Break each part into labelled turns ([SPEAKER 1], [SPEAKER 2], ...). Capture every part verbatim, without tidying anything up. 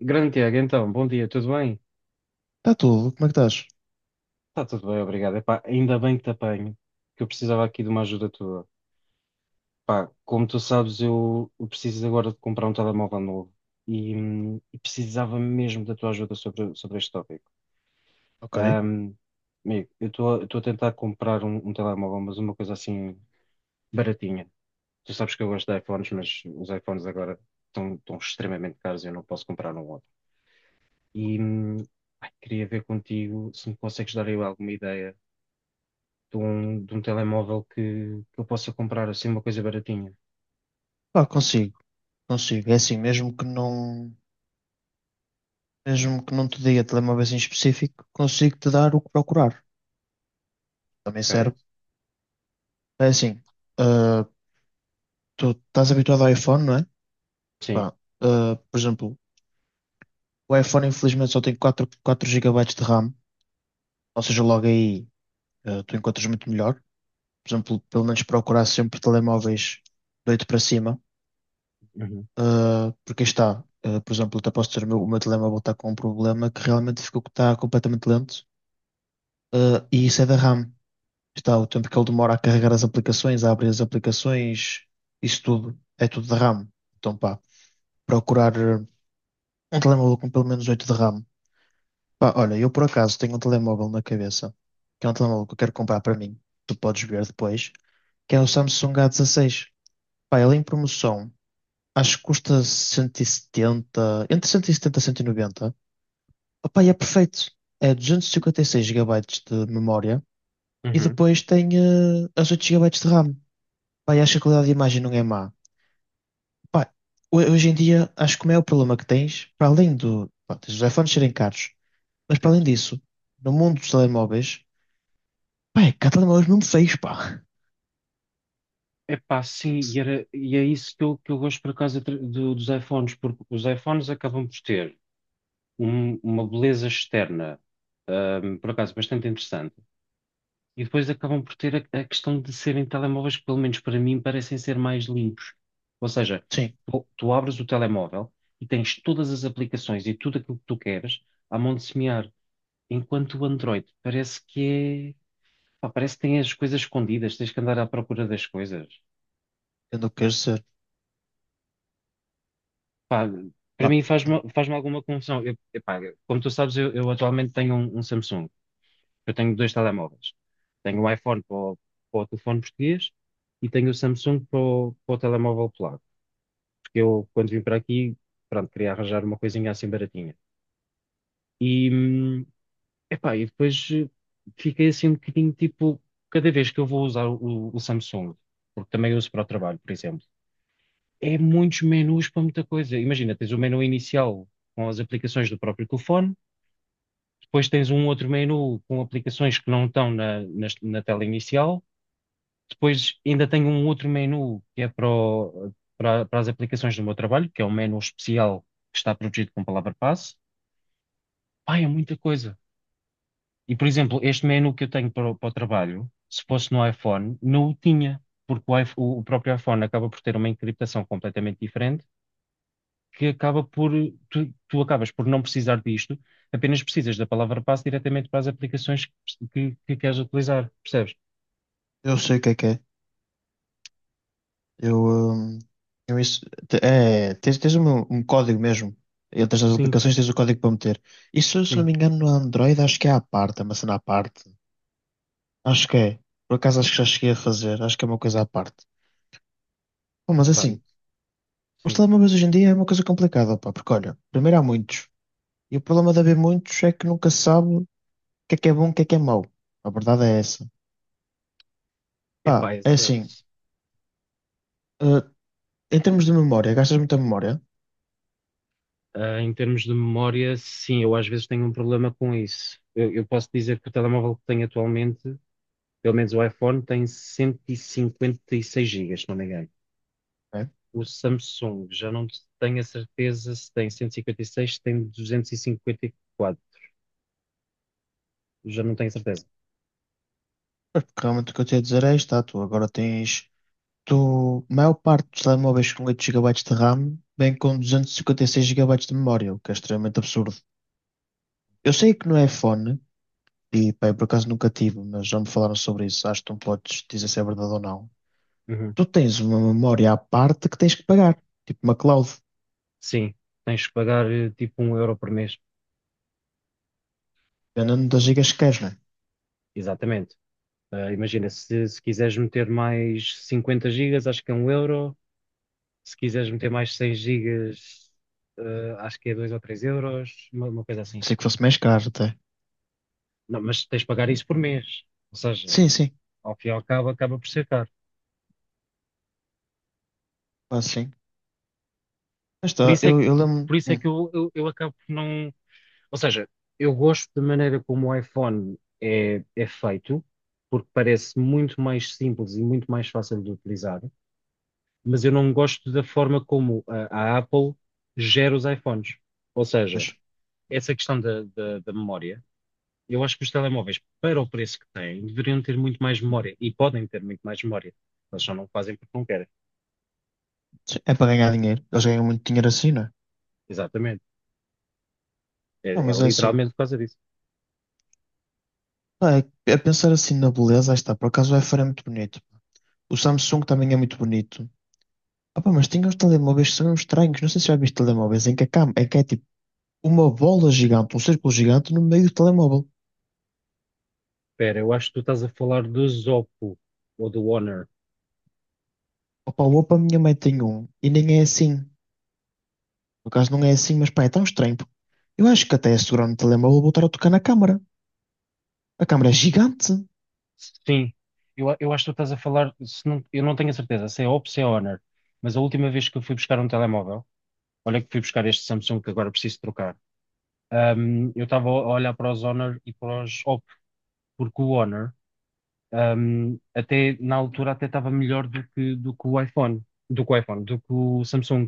[SPEAKER 1] Grande Tiago, então, bom dia, tudo bem?
[SPEAKER 2] Está tudo, como é que estás?
[SPEAKER 1] Está tudo bem, obrigado. Epá, ainda bem que te apanho, que eu precisava aqui de uma ajuda tua. Pá, como tu sabes, eu, eu preciso agora de comprar um telemóvel novo e, hum, e precisava mesmo da tua ajuda sobre, sobre este tópico.
[SPEAKER 2] Ok.
[SPEAKER 1] Ahm, amigo, eu estou a estou a tentar comprar um, um telemóvel, mas uma coisa assim baratinha. Tu sabes que eu gosto de iPhones, mas os iPhones agora estão, estão extremamente caros e eu não posso comprar um outro. E hum, ai, queria ver contigo se me consegues dar aí alguma ideia de um, de um telemóvel que, que eu possa comprar assim uma coisa baratinha.
[SPEAKER 2] Pá, consigo, consigo. É assim, mesmo que não, mesmo que não te diga telemóveis em específico, consigo te dar o que procurar. Também
[SPEAKER 1] Ok.
[SPEAKER 2] serve. É assim, ah, tu estás habituado ao iPhone, não é?
[SPEAKER 1] Sim.
[SPEAKER 2] Pá, ah, por exemplo, o iPhone infelizmente só tem quatro quatro gigabytes de RAM, ou seja, logo aí ah, tu encontras muito melhor. Por exemplo, pelo menos procurar sempre telemóveis de oito para cima.
[SPEAKER 1] Uhum.
[SPEAKER 2] Uh, porque aí está, Uh, por exemplo, até posso dizer, o meu, o meu telemóvel está com um problema que realmente ficou que está completamente lento. Uh, e isso é da RAM. Está o tempo que ele demora a carregar as aplicações, a abrir as aplicações, isso tudo, é tudo da RAM. Então, pá, procurar uh, um telemóvel com pelo menos oito de RAM. Pá, olha, eu por acaso tenho um telemóvel na cabeça, que é um telemóvel que eu quero comprar para mim, tu podes ver depois, que é o Samsung A dezasseis. Pá, ele é em promoção, acho que custa cento e setenta entre cento e setenta e setenta e cento e noventa. Opa, e é perfeito. É duzentos e cinquenta e seis gigabytes de memória e
[SPEAKER 1] Uhum.
[SPEAKER 2] depois tem eh, as oito gigabytes de RAM. Pá, e acho que a qualidade de imagem não é má. Pá, ho- hoje em dia, acho que o maior problema que tens, para além do, pá, tens os iPhones serem caros, mas para além
[SPEAKER 1] Certo.
[SPEAKER 2] disso, no mundo dos telemóveis, pá, é que há telemóveis mesmo feios, pá.
[SPEAKER 1] Epá, sim, e, era, e é isso que eu, que eu gosto por acaso de- do- dos iPhones, porque os iPhones acabam por ter um- uma beleza externa, ahm, por acaso bastante interessante, e depois acabam por ter a, a questão de serem telemóveis que, pelo menos para mim, parecem ser mais limpos. Ou seja,
[SPEAKER 2] Sim,
[SPEAKER 1] tu, tu abres o telemóvel e tens todas as aplicações e tudo aquilo que tu queres à mão de semear. Enquanto o Android parece que é. Pá, parece que tem as coisas escondidas, tens que andar à procura das coisas.
[SPEAKER 2] eu não quero ser.
[SPEAKER 1] Pá, para
[SPEAKER 2] Pá,
[SPEAKER 1] mim faz-me faz-me alguma confusão. Eu- epá, como tu sabes, eu, eu atualmente tenho um, um Samsung. Eu tenho dois telemóveis. Tenho o iPhone para o, para o telefone português e tenho o Samsung para o, para o telemóvel polaco. Porque eu, quando vim para aqui, pronto, queria arranjar uma coisinha assim baratinha. E, hum, epá, e depois eh, fiquei assim um bocadinho tipo, cada vez que eu vou usar o, o Samsung, porque também uso para o trabalho, por exemplo, é muitos menus para muita coisa. Imagina, tens o menu inicial com as aplicações do próprio telefone, depois tens um outro menu com aplicações que não estão na, nas- na tela inicial, depois ainda tenho um outro menu que é para, o- para, para as aplicações do meu trabalho, que é um menu especial que está protegido com palavra-passe. Pá, é muita coisa. E, por exemplo, este menu que eu tenho para, o para o trabalho, se fosse no iPhone, não o tinha, porque o, iPh- o- o próprio iPhone acaba por ter uma encriptação completamente diferente, que acaba por, tu, tu acabas por não precisar disto, apenas precisas da palavra passe diretamente para as aplicações que, que- que queres utilizar, percebes?
[SPEAKER 2] eu sei o que é que é. Eu, hum, eu isso, te- é, tens, tens um, um código mesmo. Entras nas
[SPEAKER 1] Sim,
[SPEAKER 2] aplicações, tens o código para meter. Isso, se não
[SPEAKER 1] sim,
[SPEAKER 2] me engano, no Android, acho que é à parte, é uma cena à parte. Acho que é. Por acaso, acho que já cheguei a fazer. Acho que é uma coisa à parte. Bom, mas
[SPEAKER 1] pá,
[SPEAKER 2] assim, os
[SPEAKER 1] sim.
[SPEAKER 2] telemóveis hoje em dia é uma coisa complicada, pá, porque olha, primeiro há muitos. E o problema de haver muitos é que nunca se sabe o que é que é bom e o que é que é mau. A verdade é essa. Pá,
[SPEAKER 1] Epá,
[SPEAKER 2] é
[SPEAKER 1] exato.
[SPEAKER 2] assim, eh, em termos de memória, gastas muita memória,
[SPEAKER 1] Ah, em termos de memória, sim, eu às vezes tenho um problema com isso. Eu, eu posso dizer que o telemóvel que tenho atualmente pelo menos o iPhone tem cento e cinquenta e seis gigas, se não me engano.
[SPEAKER 2] né?
[SPEAKER 1] O Samsung, já não tenho a certeza se tem cento e cinquenta e seis, se tem duzentos e cinquenta e quatro. Já não tenho certeza.
[SPEAKER 2] Mas porque realmente o que eu te ia dizer é isto, tá, tu agora tens. Tu a maior parte dos telemóveis com oito gigabytes de RAM vem com duzentos e cinquenta e seis gigabytes de memória, o que é extremamente absurdo. Eu sei que não é fone, e pá, eu por acaso nunca tive, mas já me falaram sobre isso. Acho que não podes dizer se é verdade ou não.
[SPEAKER 1] Uhum.
[SPEAKER 2] Tu tens uma memória à parte que tens que pagar, tipo uma cloud,
[SPEAKER 1] Sim, tens que pagar eh, tipo um euro por mês.
[SPEAKER 2] dependendo das gigas que queres, né?
[SPEAKER 1] Exatamente. Ah, imagina, se, se quiseres meter mais cinquenta gigas, acho que é um euro. Se quiseres meter mais cem gigas, ah, acho que é dois ou três euros, uma, uma coisa assim.
[SPEAKER 2] Pensei que fosse mais caro até.
[SPEAKER 1] Não, mas tens de pagar isso por mês. Ou seja,
[SPEAKER 2] Sim, sim,
[SPEAKER 1] ao fim e ao cabo, acaba por ser caro.
[SPEAKER 2] quase sim. Mas
[SPEAKER 1] Por
[SPEAKER 2] tá,
[SPEAKER 1] isso é que,
[SPEAKER 2] eu, eu lembro.
[SPEAKER 1] por isso é
[SPEAKER 2] Hum,
[SPEAKER 1] que eu, eu, eu acabo por não. Ou seja, eu gosto da maneira como o iPhone é, é feito, porque parece muito mais simples e muito mais fácil de utilizar, mas eu não gosto da forma como a, a Apple gera os iPhones. Ou seja,
[SPEAKER 2] pois,
[SPEAKER 1] essa questão da, da, da memória, eu acho que os telemóveis, para o preço que têm, deveriam ter muito mais memória e podem ter muito mais memória. Mas só não fazem porque não querem.
[SPEAKER 2] sim, é para ganhar dinheiro. Eles ganham muito dinheiro assim, não é?
[SPEAKER 1] Exatamente. É,
[SPEAKER 2] Não,
[SPEAKER 1] é
[SPEAKER 2] mas é assim.
[SPEAKER 1] literalmente por causa disso.
[SPEAKER 2] Pá, é- a pensar assim na beleza, aí está, por acaso o iPhone é muito bonito. O Samsung também é muito bonito. Opa, mas tem uns telemóveis que são uns estranhos. Não sei se já viste telemóveis em que, a cam- em que é tipo uma bola gigante, um círculo gigante no meio do telemóvel.
[SPEAKER 1] Espera, eu acho que tu estás a falar do Zoppo ou do Honor.
[SPEAKER 2] Opa, o Oppo, a minha mãe tem um e nem é assim. No caso, não é assim, mas pá, é tão estranho. Porque eu acho que até a segurar no telemóvel vou estar a tocar na câmara. A câmara é gigante,
[SPEAKER 1] Sim, eu, a- eu acho que tu estás a falar. Se não- eu não tenho a certeza se é Oppo, se é Honor, mas a última vez que eu fui buscar um telemóvel, olha que fui buscar este Samsung que agora preciso trocar, ahm, eu estava a olhar para os Honor e para os Oppo, porque o Honor, ahm, até na altura, até estava melhor do que, do que o iPhone, do que o iPhone, do que o Samsung.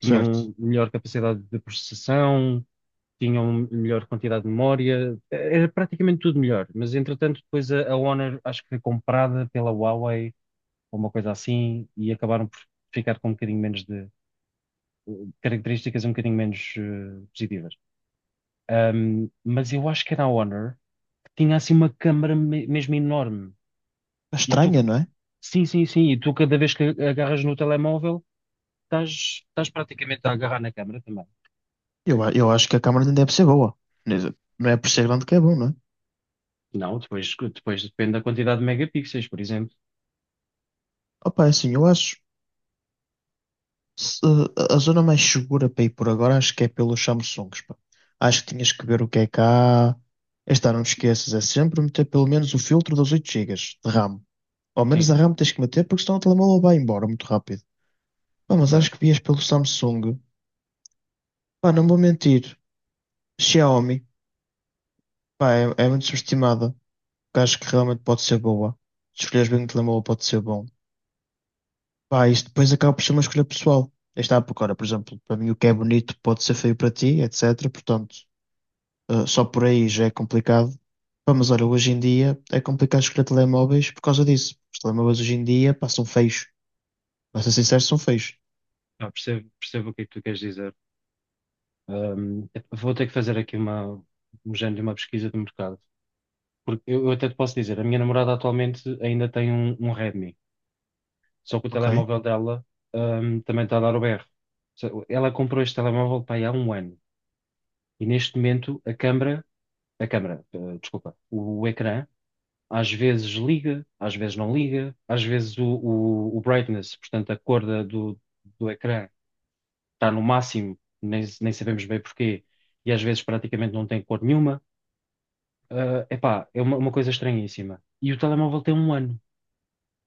[SPEAKER 2] certo?
[SPEAKER 1] Tinham melhor capacidade de processação, tinham melhor quantidade de memória, era praticamente tudo melhor, mas entretanto depois a, a Honor acho que foi comprada pela Huawei ou uma coisa assim e acabaram por ficar com um bocadinho menos de características um bocadinho menos eh, positivas. Ahm, mas eu acho que era a Honor que tinha assim uma câmara me- mesmo enorme
[SPEAKER 2] É
[SPEAKER 1] e tu,
[SPEAKER 2] estranha, não é?
[SPEAKER 1] sim, sim, sim, e tu cada vez que agarras no telemóvel estás, estás praticamente a agarrar na câmara também.
[SPEAKER 2] Eu, a- eu acho que a câmara nem deve ser boa. Quer dizer, não é por ser grande que é bom, não é?
[SPEAKER 1] Não, depois, depois depende da quantidade de megapixels, por exemplo.
[SPEAKER 2] Opa, é assim, eu acho. Se- a zona mais segura para ir por agora acho que é pelos Samsungs, pá. Acho que tinhas que ver o que é cá. Esta não te esqueças, é sempre meter pelo menos o filtro dos oito gigas de RAM. Ao
[SPEAKER 1] Sim,
[SPEAKER 2] menos a RAM tens que meter porque senão o telemóvel vai embora muito rápido. Pá, mas
[SPEAKER 1] ok.
[SPEAKER 2] acho que vias pelo Samsung. Pá, não vou mentir. Xiaomi, pá, é, é muito subestimada. Porque acho que realmente pode ser boa. Se escolheres bem o telemóvel pode ser bom. Pá, isto depois acaba por ser uma escolha pessoal. Aí está, porque, ora, por exemplo, para mim o que é bonito pode ser feio para ti, et cetera. Portanto. Uh, só por aí já é complicado. Pá, mas olha, hoje em dia é complicado escolher telemóveis por causa disso. Os telemóveis hoje em dia passam feios. Para ser sincero, são feios.
[SPEAKER 1] Ah, percebo, percebo o que é que tu queres dizer. Ahm, vou ter que fazer aqui uma, um género de uma pesquisa de mercado. Porque eu, eu até te posso dizer, a minha namorada atualmente ainda tem um, um Redmi, só que o
[SPEAKER 2] Ok?
[SPEAKER 1] telemóvel dela, ahm, também está a dar o berro. Ou seja, ela comprou este telemóvel para aí há um ano e neste momento a câmara, a câmara, eh, desculpa, o ecrã às vezes liga, às vezes não liga, às vezes o, o- o brightness, portanto a cor da- do do ecrã está no máximo, nem, nem sabemos bem porquê, e às vezes praticamente não tem cor nenhuma. Ah, epá, é uma, uma coisa estranhíssima. E o telemóvel tem um ano.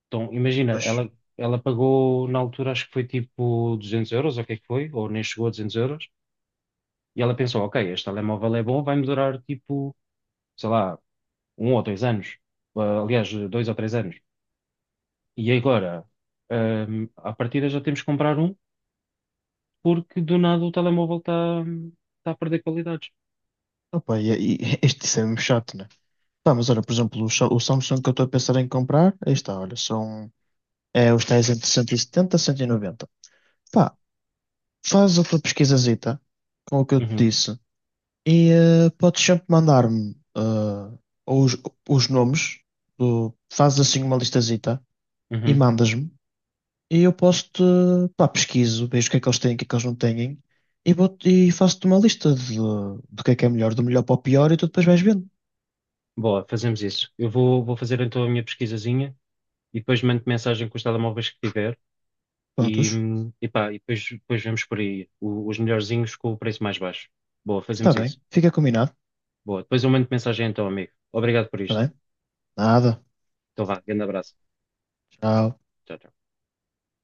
[SPEAKER 1] Então, imagina,
[SPEAKER 2] Mas,
[SPEAKER 1] ela, ela pagou na altura, acho que foi tipo duzentos euros, ou o que é que foi, ou nem chegou a duzentos euros, e ela pensou, ok, este telemóvel é bom, vai-me durar tipo, sei lá, um ou dois anos. Ah, aliás, dois ou três anos. E agora, a à partida já temos que comprar um, porque do nada o telemóvel está tá tá a perder qualidades.
[SPEAKER 2] opa, e, e este isso é mesmo chato, né? Pá, mas olha, por exemplo, o, Sa- o Samsung que eu estou a pensar em comprar, aí está, olha, são é, os tais entre cento e setenta, e cento e noventa. Pá, faz a tua pesquisazita com o que eu te
[SPEAKER 1] Uhum,
[SPEAKER 2] disse e eh, podes sempre mandar-me eh, os, os nomes, do, fazes assim uma listazita e
[SPEAKER 1] uhum.
[SPEAKER 2] mandas-me e eu posso-te, pá, pesquiso, vejo o que é que eles têm, o que é que eles não têm e, vou e faço-te uma lista de, do que é que é melhor, do melhor para o pior e tu depois vais vendo.
[SPEAKER 1] Boa, fazemos isso. Eu vou, vou fazer então a minha pesquisazinha e depois mando mensagem com os telemóveis que tiver e,
[SPEAKER 2] Prontos,
[SPEAKER 1] hum, e pá, e depois, depois vemos por aí o- os melhorzinhos com o preço mais baixo. Boa,
[SPEAKER 2] está
[SPEAKER 1] fazemos isso.
[SPEAKER 2] bem, fica combinado,
[SPEAKER 1] Boa, depois eu mando mensagem então, amigo. Obrigado por
[SPEAKER 2] está
[SPEAKER 1] isto.
[SPEAKER 2] bem? Nada,
[SPEAKER 1] Então vá, grande abraço.
[SPEAKER 2] tchau.
[SPEAKER 1] Tchau, tchau.